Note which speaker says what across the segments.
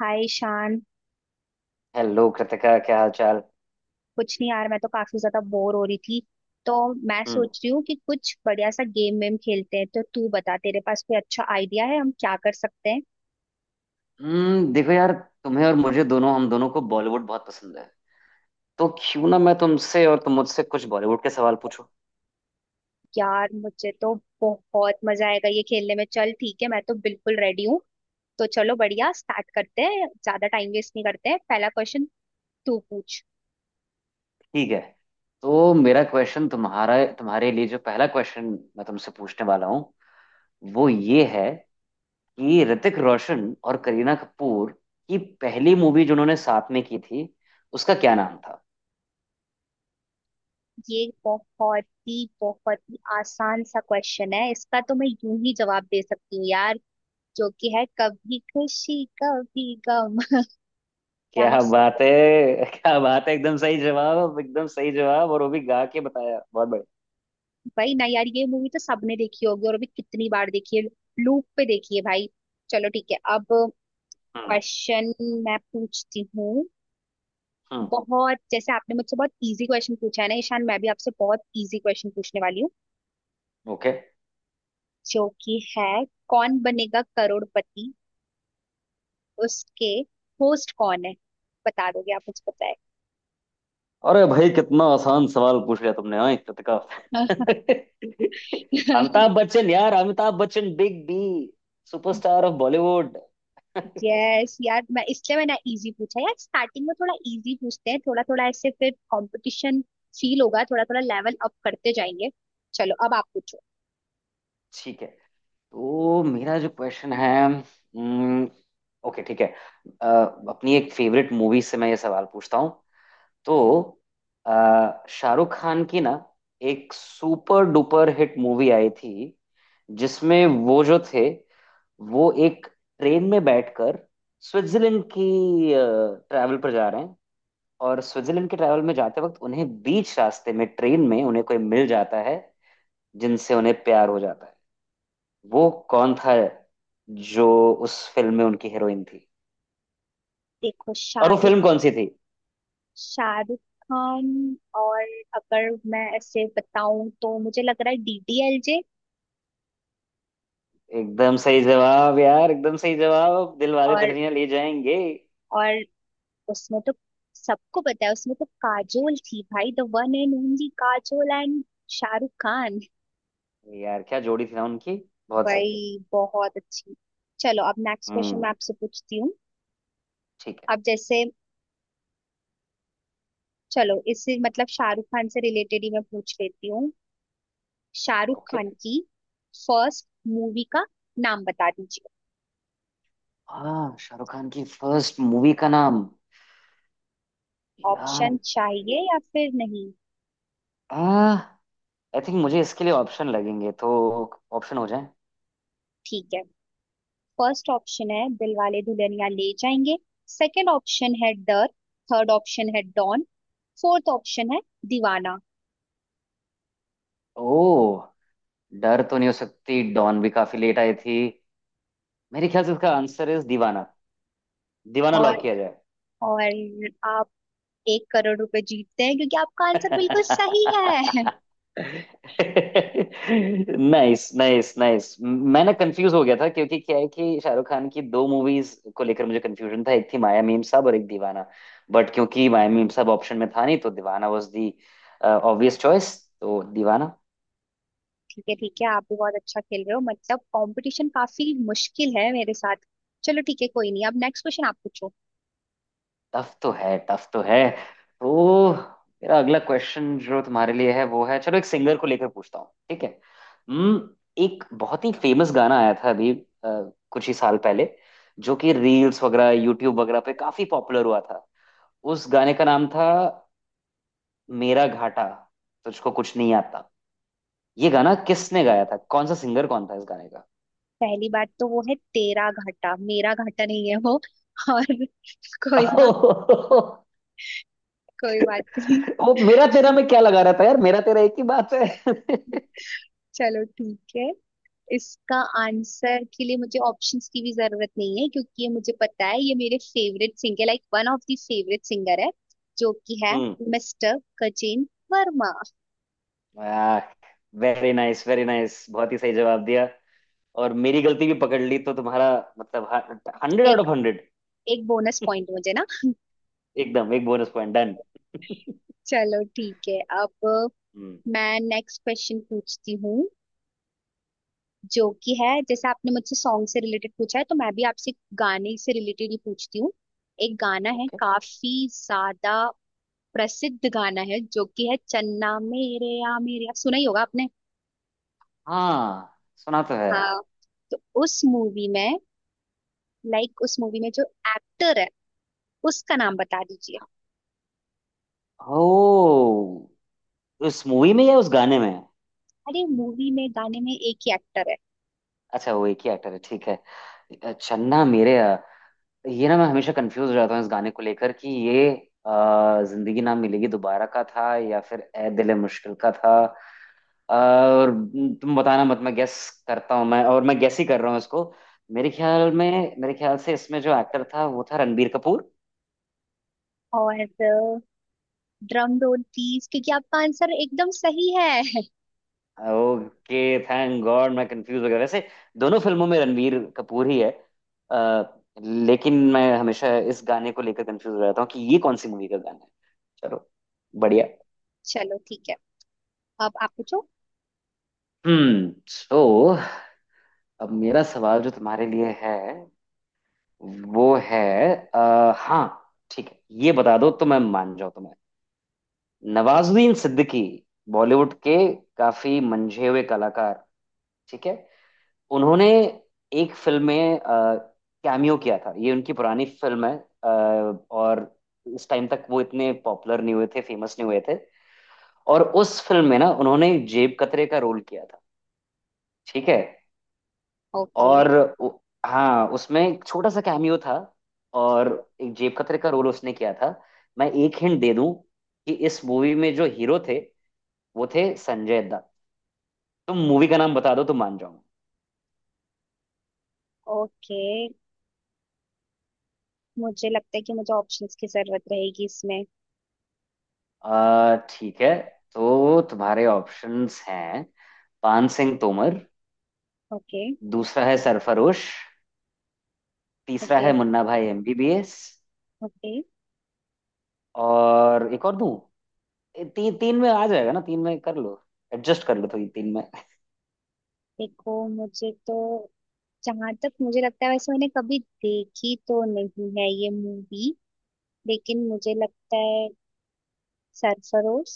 Speaker 1: हाय Shan.
Speaker 2: Hello Kritika, क्या हाल चाल।
Speaker 1: कुछ नहीं यार, मैं तो काफी ज्यादा बोर हो रही थी, तो मैं
Speaker 2: हम्म
Speaker 1: सोच रही हूँ कि कुछ बढ़िया सा गेम वेम खेलते हैं। तो तू बता, तेरे पास कोई अच्छा आइडिया है, हम क्या कर सकते हैं?
Speaker 2: देखो यार, तुम्हें और मुझे दोनों, हम दोनों को बॉलीवुड बहुत पसंद है। तो क्यों ना मैं तुमसे और तुम मुझसे कुछ बॉलीवुड के सवाल पूछो।
Speaker 1: यार, मुझे तो बहुत मजा आएगा ये खेलने में। चल ठीक है, मैं तो बिल्कुल रेडी हूँ। तो चलो बढ़िया स्टार्ट करते हैं, ज्यादा टाइम वेस्ट नहीं करते हैं। पहला क्वेश्चन तू पूछ।
Speaker 2: ठीक है, तो मेरा क्वेश्चन तुम्हारा तुम्हारे लिए जो पहला क्वेश्चन मैं तुमसे पूछने वाला हूँ वो ये है कि ऋतिक रोशन और करीना कपूर की पहली मूवी जो उन्होंने साथ में की थी, उसका क्या नाम था।
Speaker 1: ये बहुत ही आसान सा क्वेश्चन है, इसका तो मैं यूं ही जवाब दे सकती हूँ यार। जो कि है कभी खुशी कभी गम। क्या मैं
Speaker 2: क्या
Speaker 1: सही?
Speaker 2: बात है। क्या बात है, एकदम सही जवाब, एकदम सही जवाब, और वो भी गा के बताया, बहुत बढ़िया।
Speaker 1: भाई ना यार, ये मूवी तो सबने देखी होगी, और अभी कितनी बार देखी है। लूप पे देखी है भाई। चलो ठीक है, अब
Speaker 2: हम्म।
Speaker 1: क्वेश्चन मैं पूछती हूँ।
Speaker 2: हम्म।
Speaker 1: बहुत जैसे आपने मुझसे बहुत इजी क्वेश्चन पूछा है ना ईशान, मैं भी आपसे बहुत इजी क्वेश्चन पूछने वाली हूँ।
Speaker 2: ओके।
Speaker 1: जो कि है कौन बनेगा करोड़पति, उसके होस्ट कौन है? बता दोगे आप मुझे
Speaker 2: अरे भाई, कितना आसान सवाल पूछ लिया तुमने, हाँ, इज्जत का।
Speaker 1: बताए?
Speaker 2: अमिताभ बच्चन यार, Amitabh Bachchan, big B, superstar of Bollywood.
Speaker 1: Yes यार, मैं इसलिए मैंने इजी पूछा यार, स्टार्टिंग में थोड़ा इजी पूछते हैं, थोड़ा थोड़ा ऐसे, फिर कंपटीशन फील होगा, थोड़ा थोड़ा लेवल अप करते जाएंगे। चलो अब आप पूछो।
Speaker 2: ठीक है। तो मेरा जो क्वेश्चन है ओके, ठीक है। अ, अपनी एक फेवरेट मूवी से मैं ये सवाल पूछता हूँ। तो शाहरुख खान की ना एक सुपर डुपर हिट मूवी आई थी, जिसमें वो जो थे, वो एक ट्रेन में बैठकर स्विट्जरलैंड की ट्रैवल पर जा रहे हैं। और स्विट्जरलैंड के ट्रैवल में जाते वक्त उन्हें बीच रास्ते में ट्रेन में उन्हें कोई मिल जाता है, जिनसे उन्हें प्यार हो जाता है। वो कौन था जो उस फिल्म में उनकी हीरोइन थी,
Speaker 1: देखो
Speaker 2: और वो
Speaker 1: शाहरुख
Speaker 2: फिल्म कौन सी थी।
Speaker 1: शाहरुख खान। और अगर मैं ऐसे बताऊं तो मुझे लग रहा है डीडीएलजे।
Speaker 2: एकदम सही जवाब यार, एकदम सही जवाब, दिलवाले
Speaker 1: और
Speaker 2: दुल्हनिया ले जाएंगे।
Speaker 1: और उसमें तो सबको पता है, उसमें तो काजोल थी भाई, the one and only Kajol and Shahrukh Khan.
Speaker 2: यार, क्या जोड़ी थी ना उनकी, बहुत सही।
Speaker 1: भाई बहुत अच्छी। चलो अब नेक्स्ट क्वेश्चन
Speaker 2: हम्म।
Speaker 1: मैं आपसे पूछती हूँ।
Speaker 2: ठीक है।
Speaker 1: अब जैसे, चलो इससे मतलब शाहरुख खान से रिलेटेड ही मैं पूछ लेती हूँ। शाहरुख
Speaker 2: ओके।
Speaker 1: खान की फर्स्ट मूवी का नाम बता दीजिए।
Speaker 2: हाँ, शाहरुख खान की फर्स्ट मूवी का नाम, यार,
Speaker 1: ऑप्शन चाहिए या फिर नहीं?
Speaker 2: आ आई थिंक मुझे इसके लिए ऑप्शन लगेंगे, तो ऑप्शन हो जाए।
Speaker 1: ठीक है, फर्स्ट ऑप्शन है दिलवाले दुल्हनिया ले जाएंगे, सेकंड ऑप्शन है डर, थर्ड ऑप्शन है डॉन, फोर्थ ऑप्शन है दीवाना।
Speaker 2: ओ, डर तो नहीं हो सकती, डॉन भी काफी लेट आई थी, मेरे ख्याल से इसका आंसर इज दीवाना। दीवाना
Speaker 1: और
Speaker 2: लॉक किया जाए।
Speaker 1: और आप एक करोड़ रुपए जीतते हैं, क्योंकि आपका आंसर बिल्कुल सही है।
Speaker 2: नाइस नाइस नाइस, मैं ना कंफ्यूज हो गया था, क्योंकि क्या है कि शाहरुख खान की दो मूवीज को लेकर मुझे कंफ्यूजन था, एक थी माया मीम साहब और एक दीवाना। बट क्योंकि माया मीम साहब ऑप्शन में था नहीं, तो Deewana was the obvious choice. तो दीवाना।
Speaker 1: ठीक है ठीक है, आप भी बहुत अच्छा खेल रहे हो, मतलब कंपटीशन काफी मुश्किल है मेरे साथ। चलो ठीक है, कोई नहीं, अब नेक्स्ट क्वेश्चन आप पूछो।
Speaker 2: टफ तो है, टफ तो है। तो मेरा अगला क्वेश्चन जो तुम्हारे लिए है वो है, चलो एक सिंगर को लेकर पूछता हूँ, ठीक है। हम्म। एक बहुत ही फेमस गाना आया था अभी, कुछ ही साल पहले, जो कि रील्स वगैरह, यूट्यूब वगैरह पे काफी पॉपुलर हुआ था। उस गाने का नाम था मेरा घाटा, तुझको कुछ नहीं आता। ये गाना किसने गाया था, कौन सा सिंगर कौन था इस गाने का।
Speaker 1: पहली बात तो वो है तेरा घाटा, मेरा घाटा नहीं है वो। और कोई बात कोई बात नहीं।
Speaker 2: वो मेरा तेरा में क्या लगा रहा था यार, मेरा तेरा एक ही बात है।
Speaker 1: चलो ठीक है, इसका आंसर के लिए मुझे ऑप्शंस की भी जरूरत नहीं है, क्योंकि ये मुझे पता है। ये मेरे favourite singer, like one of the favourite singer है, जो कि है
Speaker 2: हम्म।
Speaker 1: मिस्टर गजेंद्र वर्मा।
Speaker 2: वाह। वेरी नाइस, वेरी नाइस, बहुत ही सही जवाब दिया, और मेरी गलती भी पकड़ ली, तो तुम्हारा मतलब हंड्रेड आउट
Speaker 1: एक
Speaker 2: ऑफ हंड्रेड।
Speaker 1: एक बोनस पॉइंट मुझे ना।
Speaker 2: एकदम, एक बोनस पॉइंट डन।
Speaker 1: चलो ठीक है, अब
Speaker 2: हम्म।
Speaker 1: मैं नेक्स्ट क्वेश्चन पूछती हूँ। जो कि है, जैसे आपने मुझसे सॉन्ग से रिलेटेड पूछा है, तो मैं भी आपसे गाने से रिलेटेड ही पूछती हूँ। एक गाना है,
Speaker 2: ओके।
Speaker 1: काफी ज्यादा प्रसिद्ध गाना है, जो कि है चन्ना मेरे या मेरे या, सुना ही होगा आपने।
Speaker 2: हाँ, सुना तो है।
Speaker 1: हाँ, तो उस मूवी में, लाइक उस मूवी में जो एक्टर है, उसका नाम बता दीजिए।
Speaker 2: ओ, उस मूवी में या उस गाने में।
Speaker 1: अरे मूवी में गाने में एक ही एक्टर है।
Speaker 2: अच्छा, वो एक ही एक्टर है, ठीक है। चन्ना मेरेया, ये ना मैं हमेशा कंफ्यूज रहता हूँ इस गाने को लेकर कि ये अ, जिंदगी ना मिलेगी दोबारा का था या फिर ए दिल मुश्किल का था। और तुम बताना मत, मैं गेस करता हूँ, मैं, और मैं गेस ही कर रहा हूँ इसको। मेरे ख्याल से इसमें जो एक्टर था वो था रणबीर कपूर।
Speaker 1: और ड्रम रोल प्लीज, क्योंकि आपका आंसर एकदम सही है।
Speaker 2: ओके, थैंक गॉड, मैं कंफ्यूज हो गया वैसे, दोनों फिल्मों में रणबीर कपूर ही है। लेकिन मैं हमेशा इस गाने को लेकर कंफ्यूज रहता हूँ कि ये कौन सी मूवी का गाना है। चलो, बढ़िया।
Speaker 1: चलो ठीक है, अब आप पूछो।
Speaker 2: सो, अब मेरा सवाल जो तुम्हारे लिए है वो है हाँ ठीक है, ये बता दो तो मैं मान जाऊँ तुम्हें। नवाजुद्दीन सिद्दीकी, बॉलीवुड के काफी मंझे हुए कलाकार, ठीक है। उन्होंने एक फिल्म में कैमियो किया था, ये उनकी पुरानी फिल्म है। अ, और इस टाइम तक वो इतने पॉपुलर नहीं हुए थे, फेमस नहीं हुए थे। और उस फिल्म में ना उन्होंने जेब कतरे का रोल किया था, ठीक है।
Speaker 1: ओके
Speaker 2: और उ- हाँ, उसमें एक छोटा सा कैमियो था, और एक जेब कतरे का रोल उसने किया था। मैं एक हिंट दे दूं कि इस मूवी में जो हीरो थे वो थे संजय दत्त। तुम मूवी का नाम बता दो तो मान जाऊंगा।
Speaker 1: ओके, मुझे लगता है कि मुझे ऑप्शंस की जरूरत रहेगी इसमें।
Speaker 2: आ ठीक है, तो तुम्हारे ऑप्शंस हैं, पान सिंह तोमर,
Speaker 1: ओके
Speaker 2: दूसरा है सरफरोश, तीसरा
Speaker 1: ओके
Speaker 2: है मुन्ना भाई एमबीबीएस,
Speaker 1: ओके,
Speaker 2: और एक और दूं। तीन में आ जाएगा ना, तीन में कर लो, एडजस्ट कर लो थोड़ी तीन में।
Speaker 1: देखो मुझे तो, जहां तक मुझे लगता है, वैसे मैंने कभी देखी तो नहीं है ये मूवी, लेकिन मुझे लगता है सरफरोश।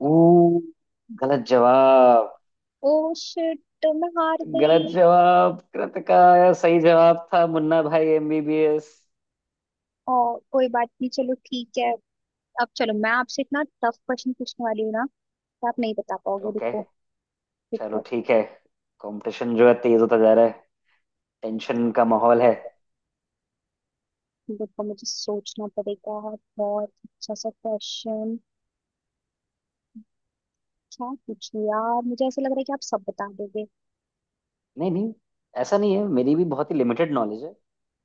Speaker 2: ऊ, गलत जवाब।
Speaker 1: ओ शिट, तो मैं हार गई।
Speaker 2: गलत जवाब कृत का, सही जवाब था मुन्ना भाई एमबीबीएस।
Speaker 1: और कोई बात नहीं, चलो ठीक है। अब चलो मैं आपसे इतना टफ क्वेश्चन पूछने वाली हूँ ना, कि आप नहीं बता पाओगे।
Speaker 2: ओके,
Speaker 1: रुको
Speaker 2: चलो
Speaker 1: रुको
Speaker 2: ठीक है। कंपटीशन जो है तेज होता जा रहा है, टेंशन का माहौल है।
Speaker 1: रुको, मुझे सोचना पड़ेगा। बहुत अच्छा सा क्वेश्चन क्या पूछूं यार, मुझे ऐसा लग रहा है कि आप सब बता दोगे।
Speaker 2: नहीं नहीं, ऐसा नहीं है, मेरी भी बहुत ही लिमिटेड नॉलेज है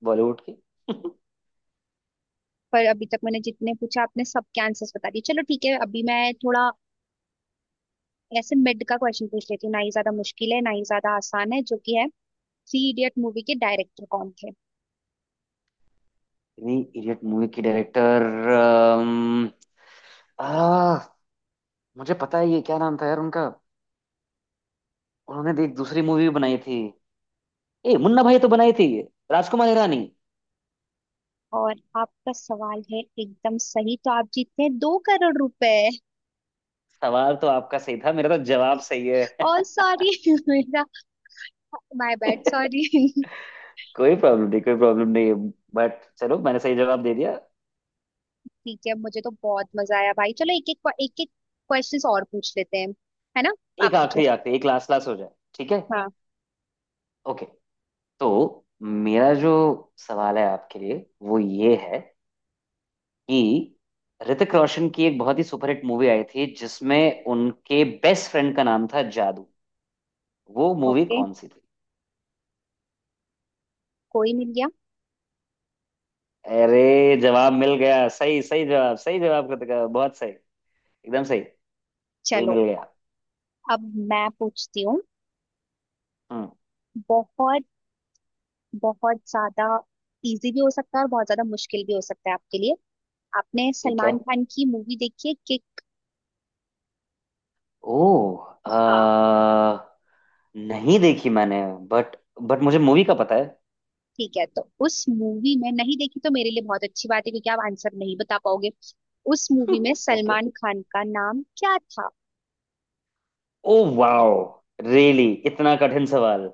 Speaker 2: बॉलीवुड की।
Speaker 1: पर अभी तक मैंने जितने पूछा, आपने सबके आंसर्स बता दिए। चलो ठीक है, अभी मैं थोड़ा ऐसे मिड का क्वेश्चन पूछ लेती हूँ, ना ही ज्यादा मुश्किल है, ना ही ज्यादा आसान है। जो कि है थ्री इडियट मूवी के डायरेक्टर कौन थे?
Speaker 2: थ्री इडियट मूवी की डायरेक्टर, आ, मुझे पता है, ये क्या नाम था यार उनका, उन्होंने भी एक दूसरी मूवी बनाई थी, ए मुन्ना भाई तो बनाई थी, राजकुमार हिरानी।
Speaker 1: और आपका सवाल है एकदम सही, तो आप जीतते हैं दो करोड़ रुपए।
Speaker 2: सवाल तो आपका सही था, मेरा तो जवाब सही है।
Speaker 1: और सॉरी मेरा, माय बैड सॉरी।
Speaker 2: कोई प्रॉब्लम नहीं, कोई प्रॉब्लम नहीं, बट चलो, मैंने सही जवाब दे दिया।
Speaker 1: ठीक है, मुझे तो बहुत मजा आया भाई। चलो एक एक एक एक क्वेश्चन और पूछ लेते हैं, है ना? आप
Speaker 2: एक
Speaker 1: पूछो।
Speaker 2: आखिरी, आखिरी, एक लास्ट लास्ट हो जाए, ठीक है।
Speaker 1: हाँ।
Speaker 2: ओके, तो मेरा जो सवाल है आपके लिए वो ये है कि ऋतिक रोशन की एक बहुत ही सुपरहिट मूवी आई थी जिसमें उनके बेस्ट फ्रेंड का नाम था जादू, वो मूवी
Speaker 1: ओके,
Speaker 2: कौन सी थी।
Speaker 1: कोई मिल गया।
Speaker 2: अरे, जवाब मिल गया, सही सही जवाब, सही जवाब कृतिका, बहुत सही, एकदम सही। कोई
Speaker 1: चलो
Speaker 2: मिल गया।
Speaker 1: अब मैं पूछती हूँ।
Speaker 2: हम्म।
Speaker 1: बहुत, बहुत ज्यादा इजी भी हो सकता है, और बहुत ज्यादा मुश्किल भी हो सकता है आपके लिए। आपने
Speaker 2: ठीक है।
Speaker 1: सलमान खान की मूवी देखी है किक?
Speaker 2: ओ,
Speaker 1: हाँ,
Speaker 2: नहीं देखी मैंने, बट बट मुझे मूवी का पता है।
Speaker 1: ठीक है, तो उस मूवी में, नहीं देखी तो मेरे लिए बहुत अच्छी बात है, क्योंकि आप आंसर नहीं बता पाओगे। उस मूवी में
Speaker 2: ओके।
Speaker 1: सलमान खान का नाम क्या था?
Speaker 2: ओ वाओ, रियली, इतना कठिन सवाल।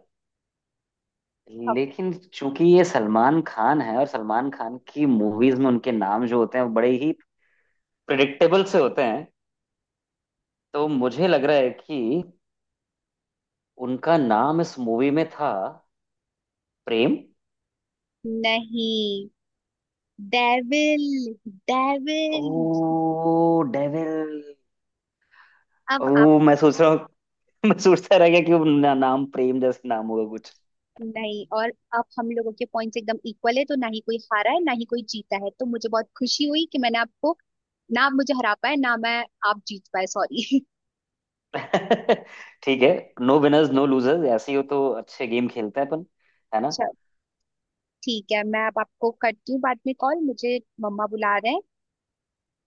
Speaker 1: अब
Speaker 2: लेकिन चूंकि ये सलमान खान है, और सलमान खान की मूवीज में उनके नाम जो होते हैं वो बड़े ही प्रिडिक्टेबल से होते हैं, तो मुझे लग रहा है कि उनका नाम इस मूवी में था प्रेम।
Speaker 1: नहीं, डेविल डेविल।
Speaker 2: Oh, devil.
Speaker 1: अब आप
Speaker 2: ओ, मैं सोच रहा हूँ। मैं सोचता रह गया कि वो ना, नाम प्रेम जैसे नाम होगा।
Speaker 1: नहीं, और अब हम लोगों के पॉइंट्स एकदम इक्वल है, तो ना ही कोई हारा है, ना ही कोई जीता है। तो मुझे बहुत खुशी हुई कि मैंने आपको, ना आप मुझे हरा पाए, ना मैं, आप जीत पाए सॉरी।
Speaker 2: ठीक है। नो विनर्स नो लूजर्स, ऐसे ही हो तो अच्छे गेम खेलते हैं अपन, है ना।
Speaker 1: ठीक है, मैं अब आपको करती हूँ बाद में कॉल, मुझे मम्मा बुला रहे हैं।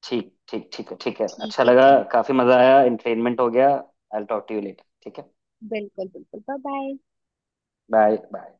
Speaker 2: ठीक, ठीक, ठीक है, ठीक है,
Speaker 1: ठीक
Speaker 2: अच्छा
Speaker 1: है,
Speaker 2: लगा।
Speaker 1: ठीक।
Speaker 2: काफी मजा आया, एंटरटेनमेंट हो गया, I will talk to you later, ठीक है।
Speaker 1: बिल्कुल बिल्कुल, बाय बाय।
Speaker 2: Bye bye.